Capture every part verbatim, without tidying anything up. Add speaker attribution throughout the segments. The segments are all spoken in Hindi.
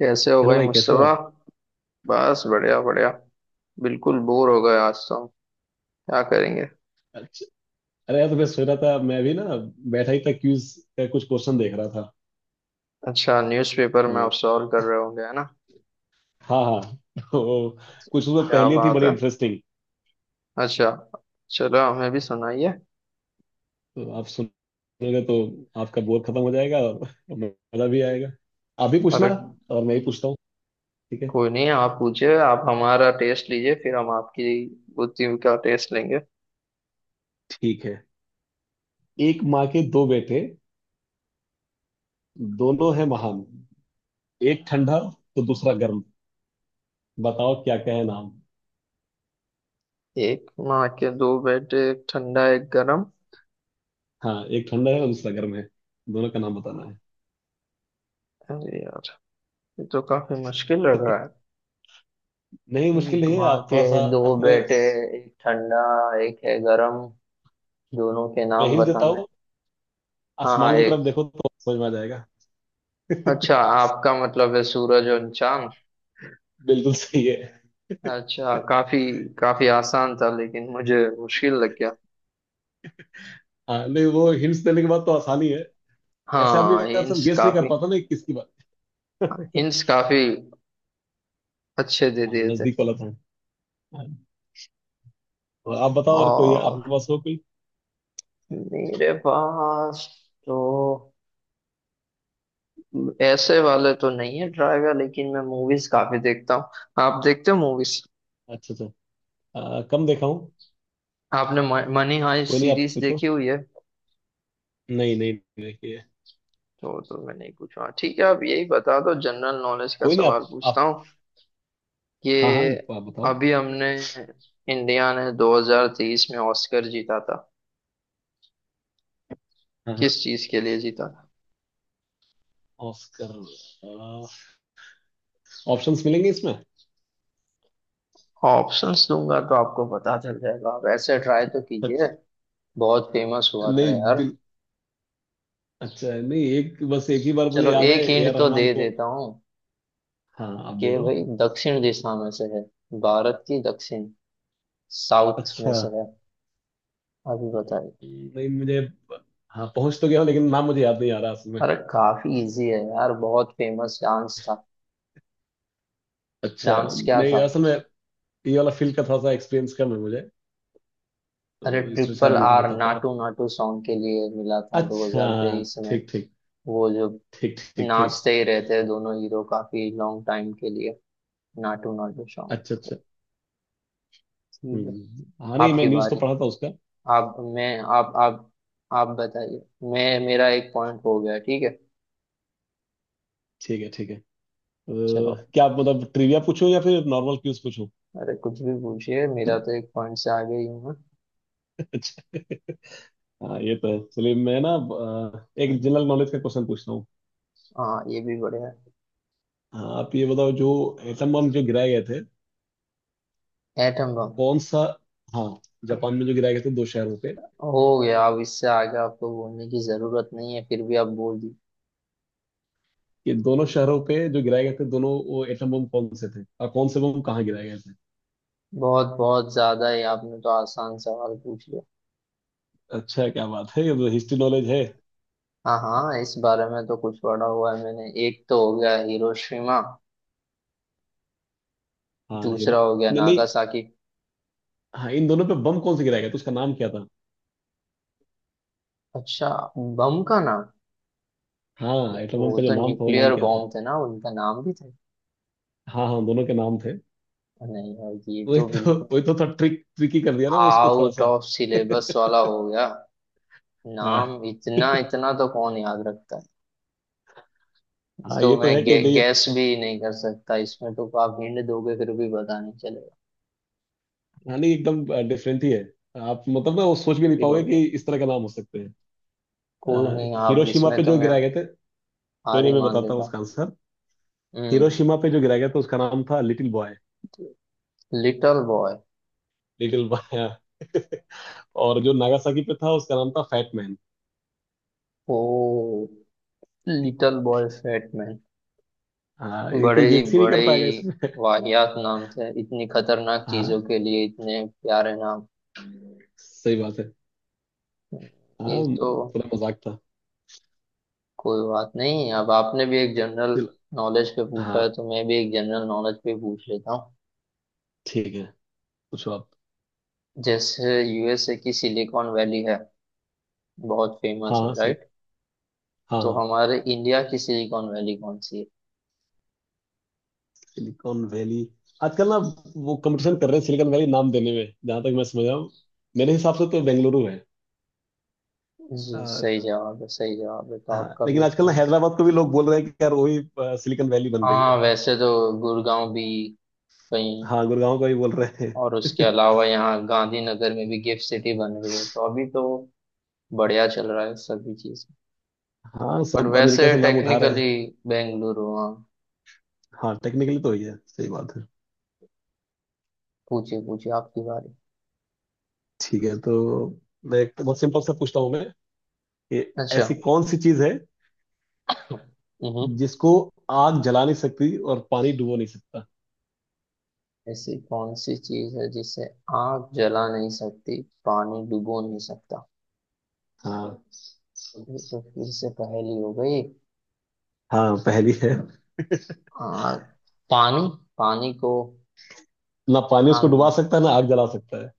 Speaker 1: कैसे हो
Speaker 2: हेलो
Speaker 1: भाई
Speaker 2: भाई, कैसे हो
Speaker 1: मुस्तफा।
Speaker 2: आप।
Speaker 1: बस बढ़िया बढ़िया। बिल्कुल बोर हो गए आज तो हम क्या करेंगे।
Speaker 2: अच्छा। अरे यार, तो मैं सोच रहा था मैं भी ना बैठा ही था क्यूज का कुछ क्वेश्चन देख रहा था।
Speaker 1: अच्छा, न्यूज़पेपर में आप
Speaker 2: तो
Speaker 1: सॉल्व कर रहे होंगे है ना।
Speaker 2: हाँ हाँ, तो कुछ उसमें
Speaker 1: क्या
Speaker 2: पहेली थी
Speaker 1: बात
Speaker 2: बड़ी
Speaker 1: है।
Speaker 2: इंटरेस्टिंग।
Speaker 1: अच्छा। चलो हमें भी सुनाइए।
Speaker 2: तो आप सुनोगे तो आपका बोर खत्म हो जाएगा और मजा भी आएगा। आप भी
Speaker 1: अरे,
Speaker 2: पूछना और मैं ही पूछता हूँ। ठीक है।
Speaker 1: कोई नहीं, आप पूछिए, आप हमारा टेस्ट लीजिए फिर हम आपकी बुद्धि का टेस्ट लेंगे।
Speaker 2: ठीक है। एक माँ के दो बेटे, दोनों हैं महान, एक ठंडा तो दूसरा गर्म, बताओ क्या क्या है नाम।
Speaker 1: एक माँ के दो बेटे, एक ठंडा एक गरम।
Speaker 2: हाँ, एक ठंडा है और दूसरा गर्म है। दोनों का नाम बताना है।
Speaker 1: अरे यार, ये तो काफी मुश्किल लग रहा है।
Speaker 2: नहीं, मुश्किल
Speaker 1: एक
Speaker 2: नहीं है।
Speaker 1: माँ
Speaker 2: आप
Speaker 1: के
Speaker 2: थोड़ा सा
Speaker 1: दो
Speaker 2: अपने,
Speaker 1: बेटे, एक ठंडा एक है गरम, दोनों के
Speaker 2: मैं
Speaker 1: नाम
Speaker 2: हिंट देता
Speaker 1: बताने।
Speaker 2: हूँ।
Speaker 1: हाँ हाँ
Speaker 2: आसमान की तरफ
Speaker 1: एक।
Speaker 2: देखो तो समझ में आ जाएगा।
Speaker 1: अच्छा, आपका मतलब है सूरज और चांद।
Speaker 2: बिल्कुल सही है।
Speaker 1: अच्छा, काफी काफी आसान था लेकिन मुझे मुश्किल लग गया।
Speaker 2: हाँ नहीं, वो हिंट्स देने के बाद तो आसानी है। ऐसे आदमी
Speaker 1: हाँ,
Speaker 2: अगर सब
Speaker 1: हिंट्स
Speaker 2: गेस नहीं कर
Speaker 1: काफी।
Speaker 2: पाता ना कि किसकी बात।
Speaker 1: हिंट्स काफी अच्छे दे
Speaker 2: हाँ,
Speaker 1: दिए थे।
Speaker 2: नजदीक वाला था। हाँ, तो आप बताओ, और कोई
Speaker 1: और
Speaker 2: आपके पास हो कोई।
Speaker 1: मेरे पास तो ऐसे वाले तो नहीं है ड्राइवर, लेकिन मैं मूवीज काफी देखता हूँ। आप देखते हो मूवीज?
Speaker 2: अच्छा अच्छा, आ, कम देखा हूँ।
Speaker 1: आपने मनी हाइस्ट
Speaker 2: कोई नहीं, आप
Speaker 1: सीरीज
Speaker 2: पूछो।
Speaker 1: देखी हुई है?
Speaker 2: नहीं नहीं। नहीं, ये।
Speaker 1: तो तो मैंने पूछा, ठीक है आप यही बता दो, जनरल नॉलेज का
Speaker 2: कोई नहीं, आप
Speaker 1: सवाल पूछता
Speaker 2: आप
Speaker 1: हूँ।
Speaker 2: हाँ हाँ,
Speaker 1: ये
Speaker 2: आप बताओ।
Speaker 1: अभी हमने, इंडिया ने दो हज़ार तेईस में ऑस्कर जीता था,
Speaker 2: हाँ हाँ।
Speaker 1: किस चीज के लिए जीता था?
Speaker 2: ऑस्कर। ऑप्शंस मिलेंगे इसमें
Speaker 1: ऑप्शंस दूंगा तो आपको पता चल जाएगा, आप ऐसे ट्राई तो कीजिए।
Speaker 2: अच्छा,
Speaker 1: बहुत फेमस हुआ था यार।
Speaker 2: नहीं अच्छा नहीं, एक बस एक ही बार मुझे
Speaker 1: चलो
Speaker 2: याद है
Speaker 1: एक
Speaker 2: ए आर
Speaker 1: हिंट तो
Speaker 2: रहमान
Speaker 1: दे
Speaker 2: को।
Speaker 1: देता हूँ,
Speaker 2: हाँ, आप दे
Speaker 1: कि
Speaker 2: दो।
Speaker 1: भाई दक्षिण दिशा में से है, भारत की दक्षिण, साउथ में
Speaker 2: अच्छा,
Speaker 1: से है। अभी बताइए।
Speaker 2: नहीं मुझे। हाँ पहुंच तो गया हूँ, लेकिन नाम मुझे याद नहीं आ रहा असल में।
Speaker 1: अरे काफी इजी है यार, बहुत फेमस डांस था।
Speaker 2: अच्छा,
Speaker 1: डांस क्या
Speaker 2: नहीं
Speaker 1: था?
Speaker 2: असल में ये वाला फील्ड का थोड़ा सा एक्सपीरियंस कम है मुझे,
Speaker 1: अरे
Speaker 2: तो इसलिए
Speaker 1: ट्रिपल
Speaker 2: शायद नहीं
Speaker 1: आर
Speaker 2: बता पा रहा।
Speaker 1: नाटू नाटू सॉन्ग के लिए मिला था
Speaker 2: अच्छा।
Speaker 1: दो हज़ार तेईस में।
Speaker 2: ठीक ठीक।
Speaker 1: वो जो
Speaker 2: ठीक ठीक ठीक।
Speaker 1: नाचते ही रहते हैं दोनों हीरो काफी लॉन्ग टाइम के लिए, नाटू नाटू सॉन्ग।
Speaker 2: अच्छा
Speaker 1: तो
Speaker 2: अच्छा।
Speaker 1: ठीक है,
Speaker 2: हम्म, हाँ नहीं, मैं
Speaker 1: आपकी
Speaker 2: न्यूज़ तो
Speaker 1: बारी।
Speaker 2: पढ़ा था उसका।
Speaker 1: आप मैं आप आप आप बताइए। मैं मेरा एक पॉइंट हो गया, ठीक है।
Speaker 2: ठीक है ठीक है, अ,
Speaker 1: चलो।
Speaker 2: क्या आप मतलब ट्रिविया पूछूं या फिर नॉर्मल क्यूज पूछूं।
Speaker 1: अरे कुछ भी पूछिए, मेरा तो एक पॉइंट से आगे ही हूँ मैं।
Speaker 2: अच्छा। हाँ ये तो है, चलिए मैं ना अ, एक जनरल नॉलेज का क्वेश्चन पूछता हूँ।
Speaker 1: हाँ, ये भी बढ़िया है।
Speaker 2: हाँ, आप ये बताओ, जो एटम बम जो गिराए गए थे
Speaker 1: एटम बम।
Speaker 2: कौन सा। हाँ, जापान में जो गिराए गए थे दो शहरों पे।
Speaker 1: हो गया, अब इससे आगे आपको बोलने की जरूरत नहीं है, फिर भी आप बोल दी।
Speaker 2: ये दोनों शहरों पे जो गिराए गए थे, दोनों वो एटम बम कौन से थे और कौन से बम कहाँ गिराए गए थे।
Speaker 1: बहुत बहुत ज्यादा ही आपने तो आसान सवाल पूछ लिया।
Speaker 2: अच्छा, क्या बात है, ये तो हिस्ट्री नॉलेज है।
Speaker 1: हाँ हाँ, इस बारे में तो कुछ पढ़ा हुआ है मैंने। एक तो हो गया हिरोशिमा,
Speaker 2: हाँ हीरो।
Speaker 1: दूसरा हो गया
Speaker 2: नहीं नहीं।
Speaker 1: नागासाकी।
Speaker 2: हाँ, इन दोनों पे बम कौन से गिराए गए थे, उसका नाम क्या था।
Speaker 1: अच्छा, बम का नाम।
Speaker 2: हाँ, एटम
Speaker 1: वो
Speaker 2: बम का जो
Speaker 1: तो
Speaker 2: नाम था, वो नाम
Speaker 1: न्यूक्लियर
Speaker 2: क्या था।
Speaker 1: बॉम्ब थे ना, उनका नाम भी थे।
Speaker 2: हाँ हाँ, दोनों के नाम थे।
Speaker 1: नहीं यार, ये
Speaker 2: वही
Speaker 1: तो
Speaker 2: तो
Speaker 1: बिल्कुल
Speaker 2: वही तो थोड़ा ट्रिक ट्रिकी कर दिया ना, मैं उसको थोड़ा
Speaker 1: आउट
Speaker 2: सा।
Speaker 1: ऑफ सिलेबस वाला हो गया।
Speaker 2: हाँ
Speaker 1: नाम इतना इतना तो कौन याद रखता है।
Speaker 2: हाँ,
Speaker 1: तो
Speaker 2: ये तो
Speaker 1: मैं
Speaker 2: है कि
Speaker 1: गे,
Speaker 2: नहीं।
Speaker 1: गैस भी नहीं कर सकता इसमें, तो आप हिंट दोगे फिर भी पता नहीं चलेगा।
Speaker 2: हाँ नहीं, एकदम डिफरेंट ही है। आप मतलब ना वो
Speaker 1: काफी
Speaker 2: सोच भी नहीं
Speaker 1: मुश्किल हो
Speaker 2: पाओगे कि
Speaker 1: गया।
Speaker 2: इस तरह का नाम हो सकते हैं।
Speaker 1: कोई
Speaker 2: अ,
Speaker 1: नहीं, आप
Speaker 2: हिरोशिमा
Speaker 1: इसमें
Speaker 2: पे जो
Speaker 1: तो मैं
Speaker 2: गिराए गए थे। कोई
Speaker 1: हार
Speaker 2: नहीं,
Speaker 1: ही
Speaker 2: मैं
Speaker 1: मान
Speaker 2: बताता हूँ
Speaker 1: लेता हूँ।
Speaker 2: उसका आंसर।
Speaker 1: हम्म।
Speaker 2: हिरोशिमा पे जो गिराया गया था उसका नाम था little boy.
Speaker 1: Little boy.
Speaker 2: Little boy. और जो नागासाकी पे था उसका नाम था fat man.
Speaker 1: Oh, little boy fat man.
Speaker 2: हाँ, ये
Speaker 1: बड़े
Speaker 2: कोई
Speaker 1: ही
Speaker 2: गेस ही नहीं
Speaker 1: बड़े
Speaker 2: कर पाएगा
Speaker 1: ही
Speaker 2: इसमें।
Speaker 1: वाहियात नाम थे, इतनी खतरनाक चीजों
Speaker 2: हाँ,
Speaker 1: के लिए इतने प्यारे नाम।
Speaker 2: सही बात है। हाँ।
Speaker 1: ये तो।
Speaker 2: पूरा मजाक था।
Speaker 1: कोई बात नहीं, अब आपने भी एक जनरल
Speaker 2: चलो।
Speaker 1: नॉलेज पे पूछा
Speaker 2: हाँ
Speaker 1: है तो मैं भी एक जनरल नॉलेज पे पूछ लेता हूँ।
Speaker 2: ठीक है, पूछो आप।
Speaker 1: जैसे यूएसए की सिलिकॉन वैली है, बहुत फेमस
Speaker 2: हाँ
Speaker 1: है,
Speaker 2: हाँ सही।
Speaker 1: राइट?
Speaker 2: हाँ
Speaker 1: तो
Speaker 2: हाँ।
Speaker 1: हमारे इंडिया की सिलिकॉन वैली कौन सी है?
Speaker 2: सिलिकॉन वैली आजकल ना वो कंपटीशन कर रहे हैं सिलिकॉन वैली नाम देने में, जहां तक मैं समझ रहा हूँ। मेरे हिसाब से तो बेंगलुरु है।
Speaker 1: जी,
Speaker 2: अ,
Speaker 1: सही जवाब है, सही जवाब है, तो
Speaker 2: हाँ
Speaker 1: आपका
Speaker 2: लेकिन
Speaker 1: भी।
Speaker 2: आजकल ना हैदराबाद को भी लोग बोल रहे हैं कि यार वही अ, सिलिकॉन वैली बन रही
Speaker 1: हाँ
Speaker 2: है।
Speaker 1: वैसे तो गुड़गांव भी कहीं।
Speaker 2: हाँ, गुड़गांव को भी बोल रहे
Speaker 1: और उसके
Speaker 2: हैं।
Speaker 1: अलावा यहाँ गांधीनगर में भी गिफ्ट सिटी बन रही है, तो अभी तो बढ़िया चल रहा है सभी चीज।
Speaker 2: हाँ,
Speaker 1: बट
Speaker 2: सब
Speaker 1: वैसे
Speaker 2: अमेरिका से नाम उठा रहे हैं।
Speaker 1: टेक्निकली बेंगलुरु, हाँ।
Speaker 2: हाँ टेक्निकली तो ही है, सही बात है।
Speaker 1: पूछिए पूछिए, आपकी बारी।
Speaker 2: ठीक है, तो मैं एक बहुत सिंपल सा पूछता हूँ मैं कि
Speaker 1: अच्छा।
Speaker 2: ऐसी कौन सी चीज है
Speaker 1: हम्म।
Speaker 2: जिसको आग जला नहीं सकती और पानी डुबो नहीं सकता।
Speaker 1: ऐसी कौन सी चीज है जिसे आग जला नहीं सकती, पानी डुबो नहीं सकता?
Speaker 2: हाँ
Speaker 1: ये तो फिर से पहेली हो गई।
Speaker 2: हाँ, पहली है।
Speaker 1: आग, पानी, पानी को
Speaker 2: ना पानी उसको
Speaker 1: आग।
Speaker 2: डुबा सकता है ना आग जला सकता है।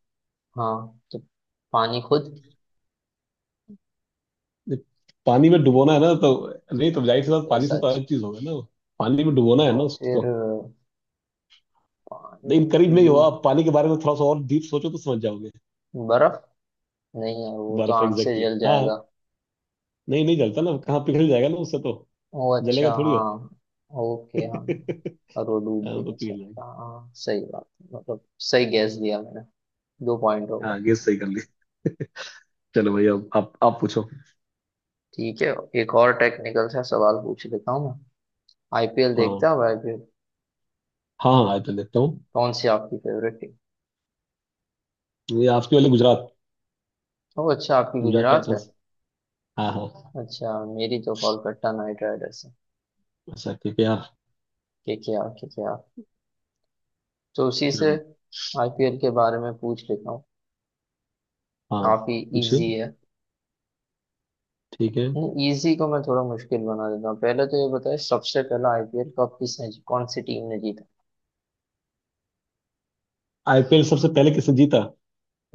Speaker 1: हाँ तो पानी खुद
Speaker 2: ये पानी में डुबोना है ना, तो नहीं तो जाहिर सी
Speaker 1: कुछ
Speaker 2: बात पानी
Speaker 1: ऐसा।
Speaker 2: से तो
Speaker 1: अच्छा।
Speaker 2: अलग चीज होगा ना वो। पानी में डुबोना है ना
Speaker 1: तो फिर
Speaker 2: उसको।
Speaker 1: पानी
Speaker 2: लेकिन करीब
Speaker 1: में
Speaker 2: नहीं हुआ,
Speaker 1: डूब।
Speaker 2: आप पानी के बारे में थोड़ा सा और डीप सोचो तो समझ जाओगे।
Speaker 1: बर्फ। नहीं यार, वो तो
Speaker 2: बर्फ
Speaker 1: आंख से
Speaker 2: एग्जैक्टली,
Speaker 1: जल
Speaker 2: हाँ।
Speaker 1: जाएगा।
Speaker 2: नहीं नहीं जलता ना, कहाँ पिघल जाएगा ना उससे तो।
Speaker 1: ओ अच्छा,
Speaker 2: जलेगा थोड़ी
Speaker 1: हाँ,
Speaker 2: हो।
Speaker 1: ओके, हाँ। और वो डूब भी
Speaker 2: हाँ, तो
Speaker 1: नहीं
Speaker 2: पिघल जाएगा।
Speaker 1: सकता, हाँ सही बात है मतलब। सही गैस दिया मैंने, दो पॉइंट हो गए।
Speaker 2: हाँ, गेस सही कर ली। चलो भैया, अब आप आप पूछो।
Speaker 1: ठीक है, एक और टेक्निकल सा सवाल पूछ लेता हूँ मैं। आईपीएल देखते
Speaker 2: हाँ
Speaker 1: हो? आईपीएल?
Speaker 2: हाँ हाँ, आइए देखता हूँ।
Speaker 1: कौन सी आपकी फेवरेट टीम?
Speaker 2: ये आपके वाले गुजरात,
Speaker 1: ओ अच्छा, आपकी
Speaker 2: गुजरात
Speaker 1: गुजरात है।
Speaker 2: टाइटंस। हाँ हाँ।
Speaker 1: अच्छा, मेरी तो कोलकाता नाइट राइडर्स है।
Speaker 2: अच्छा ठीक है आप।
Speaker 1: K K R, K K R. तो उसी से आईपीएल के बारे में पूछ लेता हूँ।
Speaker 2: हाँ,
Speaker 1: काफी
Speaker 2: पूछिए।
Speaker 1: इजी है।
Speaker 2: ठीक है।
Speaker 1: इजी को मैं थोड़ा मुश्किल बना देता हूँ, पहले तो ये बताए सबसे पहला आईपीएल कप किसने जी- कौन सी टीम ने जीता?
Speaker 2: आईपीएल सबसे पहले किसने जीता।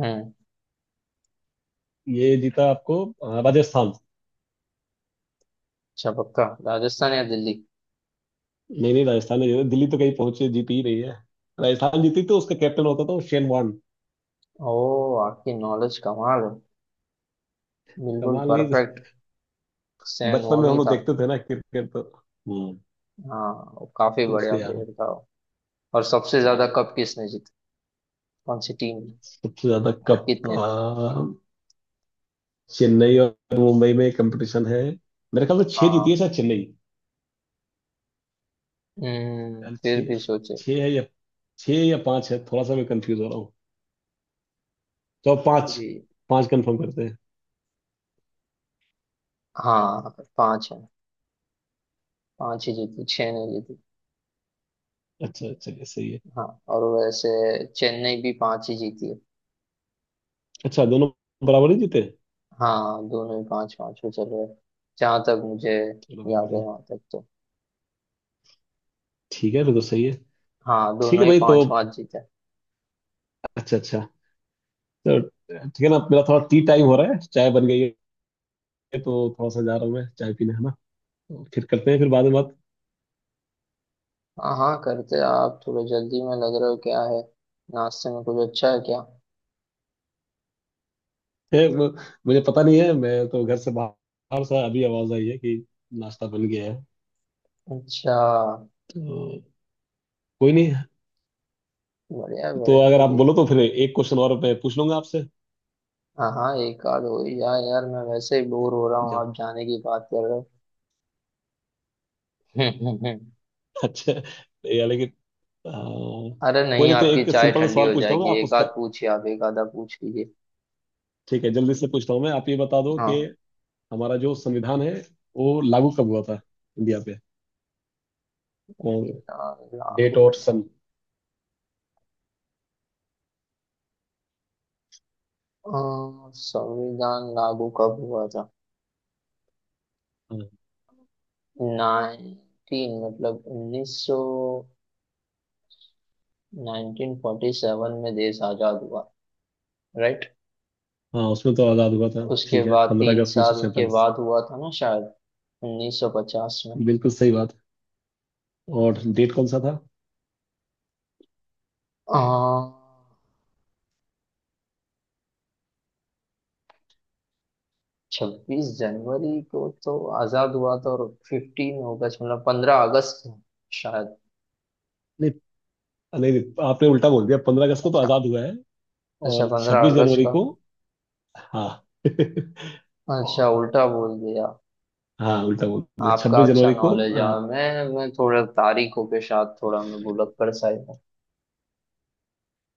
Speaker 1: हम्म।
Speaker 2: ये जीता आपको अ, राजस्थान।
Speaker 1: अच्छा, पक्का राजस्थान या दिल्ली?
Speaker 2: नहीं नहीं, राजस्थान ने जीता, दिल्ली तो कहीं पहुंचे जीती ही नहीं है। राजस्थान जीती तो उसका कैप्टन होता था वो शेन वॉर्न।
Speaker 1: ओ, आपकी नॉलेज कमाल है, बिल्कुल
Speaker 2: कमाल नहीं।
Speaker 1: परफेक्ट। सैन
Speaker 2: बचपन में हम
Speaker 1: वोनी
Speaker 2: लोग
Speaker 1: था।
Speaker 2: देखते थे ना क्रिकेट तो। हम्म।
Speaker 1: हाँ, वो काफी बढ़िया
Speaker 2: उसके याद है।
Speaker 1: प्लेयर था वो। और सबसे ज्यादा
Speaker 2: हाँ,
Speaker 1: कप किसने जीता? कौन सी टीम ने?
Speaker 2: सबसे ज्यादा
Speaker 1: और
Speaker 2: कप,
Speaker 1: कितने?
Speaker 2: अ, चेन्नई और मुंबई में कंपटीशन है। मेरे ख्याल से छह जीती है
Speaker 1: हाँ,
Speaker 2: शायद चेन्नई।
Speaker 1: हम्म
Speaker 2: यार
Speaker 1: फिर
Speaker 2: छह,
Speaker 1: भी सोचे।
Speaker 2: छह है या छह या पांच है, थोड़ा सा मैं कंफ्यूज हो रहा हूँ। तो पांच,
Speaker 1: भी।
Speaker 2: पांच कंफर्म करते हैं।
Speaker 1: हाँ, पांच है। पांच ही जीती, छह नहीं जीती।
Speaker 2: अच्छा, चलिए सही है।
Speaker 1: हाँ, और वैसे चेन्नई भी पांच ही जीती है।
Speaker 2: अच्छा, दोनों बराबर ही जीते।
Speaker 1: हाँ, दोनों ही पांच पांच पे चल रहे हैं, जहां तक मुझे
Speaker 2: चलो भाई,
Speaker 1: याद है
Speaker 2: बढ़िया।
Speaker 1: वहां तक तो।
Speaker 2: ठीक है, फिर तो सही है।
Speaker 1: हाँ,
Speaker 2: ठीक
Speaker 1: दोनों
Speaker 2: है
Speaker 1: ही
Speaker 2: भाई, तो
Speaker 1: पांच पांच जीते हैं।
Speaker 2: अच्छा अच्छा, तो ठीक है ना, मेरा थोड़ा टी टाइम हो रहा है, चाय बन गई है। तो थोड़ा सा जा रहा हूँ मैं चाय पीने, है ना। तो फिर करते हैं फिर बाद में बात।
Speaker 1: हाँ हाँ करते हैं। आप थोड़ा जल्दी में लग रहे हो, क्या है नाश्ते में कुछ अच्छा है क्या?
Speaker 2: है वो-। मुझे पता नहीं है, मैं तो घर से बाहर से अभी आवाज आई है कि नाश्ता बन गया है।
Speaker 1: अच्छा,
Speaker 2: तो कोई नहीं,
Speaker 1: बढ़िया
Speaker 2: तो
Speaker 1: बढ़िया
Speaker 2: अगर आप
Speaker 1: अभी।
Speaker 2: बोलो तो फिर एक क्वेश्चन और मैं पूछ लूंगा आपसे।
Speaker 1: हाँ हाँ, एक आध हो ही जाए यार, मैं वैसे ही बोर हो रहा हूँ,
Speaker 2: जब।
Speaker 1: आप जाने की बात कर रहे हो।
Speaker 2: अच्छा, या लेकिन आ,
Speaker 1: अरे
Speaker 2: कोई
Speaker 1: नहीं,
Speaker 2: नहीं, तो
Speaker 1: आपकी
Speaker 2: एक
Speaker 1: चाय
Speaker 2: सिंपल
Speaker 1: ठंडी
Speaker 2: सवाल
Speaker 1: हो
Speaker 2: पूछता हूँ मैं,
Speaker 1: जाएगी,
Speaker 2: आप
Speaker 1: एक आध
Speaker 2: उसका।
Speaker 1: पूछिए, आप एक आधा पूछ लीजिए।
Speaker 2: ठीक है, जल्दी से पूछता हूँ मैं, आप ये बता दो कि
Speaker 1: हाँ।
Speaker 2: हमारा जो संविधान है वो लागू कब हुआ था इंडिया पे, कौन
Speaker 1: मीना
Speaker 2: डेट
Speaker 1: लागो।
Speaker 2: और सन।
Speaker 1: अ, संविधान लागू कब हुआ था?
Speaker 2: हाँ,
Speaker 1: नाइनटीन मतलब उन्नीस सौ, नाइनटीन फोर्टी सेवन में देश आजाद हुआ, राइट?
Speaker 2: हाँ, उसमें तो आजाद हुआ था,
Speaker 1: उसके
Speaker 2: ठीक है,
Speaker 1: बाद
Speaker 2: पंद्रह
Speaker 1: तीन
Speaker 2: अगस्त उन्नीस सौ
Speaker 1: साल के
Speaker 2: सैंतालीस
Speaker 1: बाद हुआ था ना शायद, उन्नीस सौ पचास में।
Speaker 2: बिल्कुल सही बात। और डेट कौन सा था।
Speaker 1: छब्बीस जनवरी को तो आजाद हुआ था, और फिफ्टीन अगस्त मतलब पंद्रह अगस्त को शायद।
Speaker 2: नहीं नहीं, आपने उल्टा बोल दिया, पंद्रह अगस्त को तो
Speaker 1: अच्छा,
Speaker 2: आजाद हुआ है।
Speaker 1: अच्छा,
Speaker 2: और
Speaker 1: पंद्रह
Speaker 2: छब्बीस
Speaker 1: अगस्त
Speaker 2: जनवरी
Speaker 1: का।
Speaker 2: को। हाँ।
Speaker 1: अच्छा,
Speaker 2: और
Speaker 1: उल्टा बोल दिया।
Speaker 2: हाँ, उल्टा बोल दिया,
Speaker 1: आपका
Speaker 2: छब्बीस
Speaker 1: अच्छा
Speaker 2: जनवरी को
Speaker 1: नॉलेज है।
Speaker 2: अ,
Speaker 1: मैं मैं थोड़ा तारीखों के साथ थोड़ा मैं भुलक कर सा ही हूँ।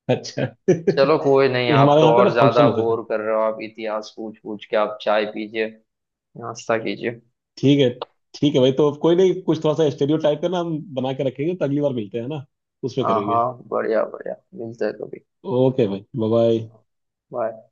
Speaker 2: अच्छा।
Speaker 1: चलो
Speaker 2: नहीं,
Speaker 1: कोई नहीं, आप
Speaker 2: हमारे
Speaker 1: तो
Speaker 2: यहाँ पे ना
Speaker 1: और
Speaker 2: फंक्शन
Speaker 1: ज्यादा
Speaker 2: होते थे।
Speaker 1: बोर कर रहे हो आप इतिहास पूछ पूछ के, आप चाय पीजिए, नाश्ता कीजिए।
Speaker 2: ठीक है। ठीक है भाई, तो कोई नहीं, कुछ थोड़ा सा स्टेरियो टाइप का ना हम बना के रखेंगे तो अगली बार मिलते हैं ना, उसमें
Speaker 1: हाँ
Speaker 2: करेंगे।
Speaker 1: हाँ बढ़िया बढ़िया, मिलते हैं कभी,
Speaker 2: ओके भाई, बाय बाय।
Speaker 1: बाय।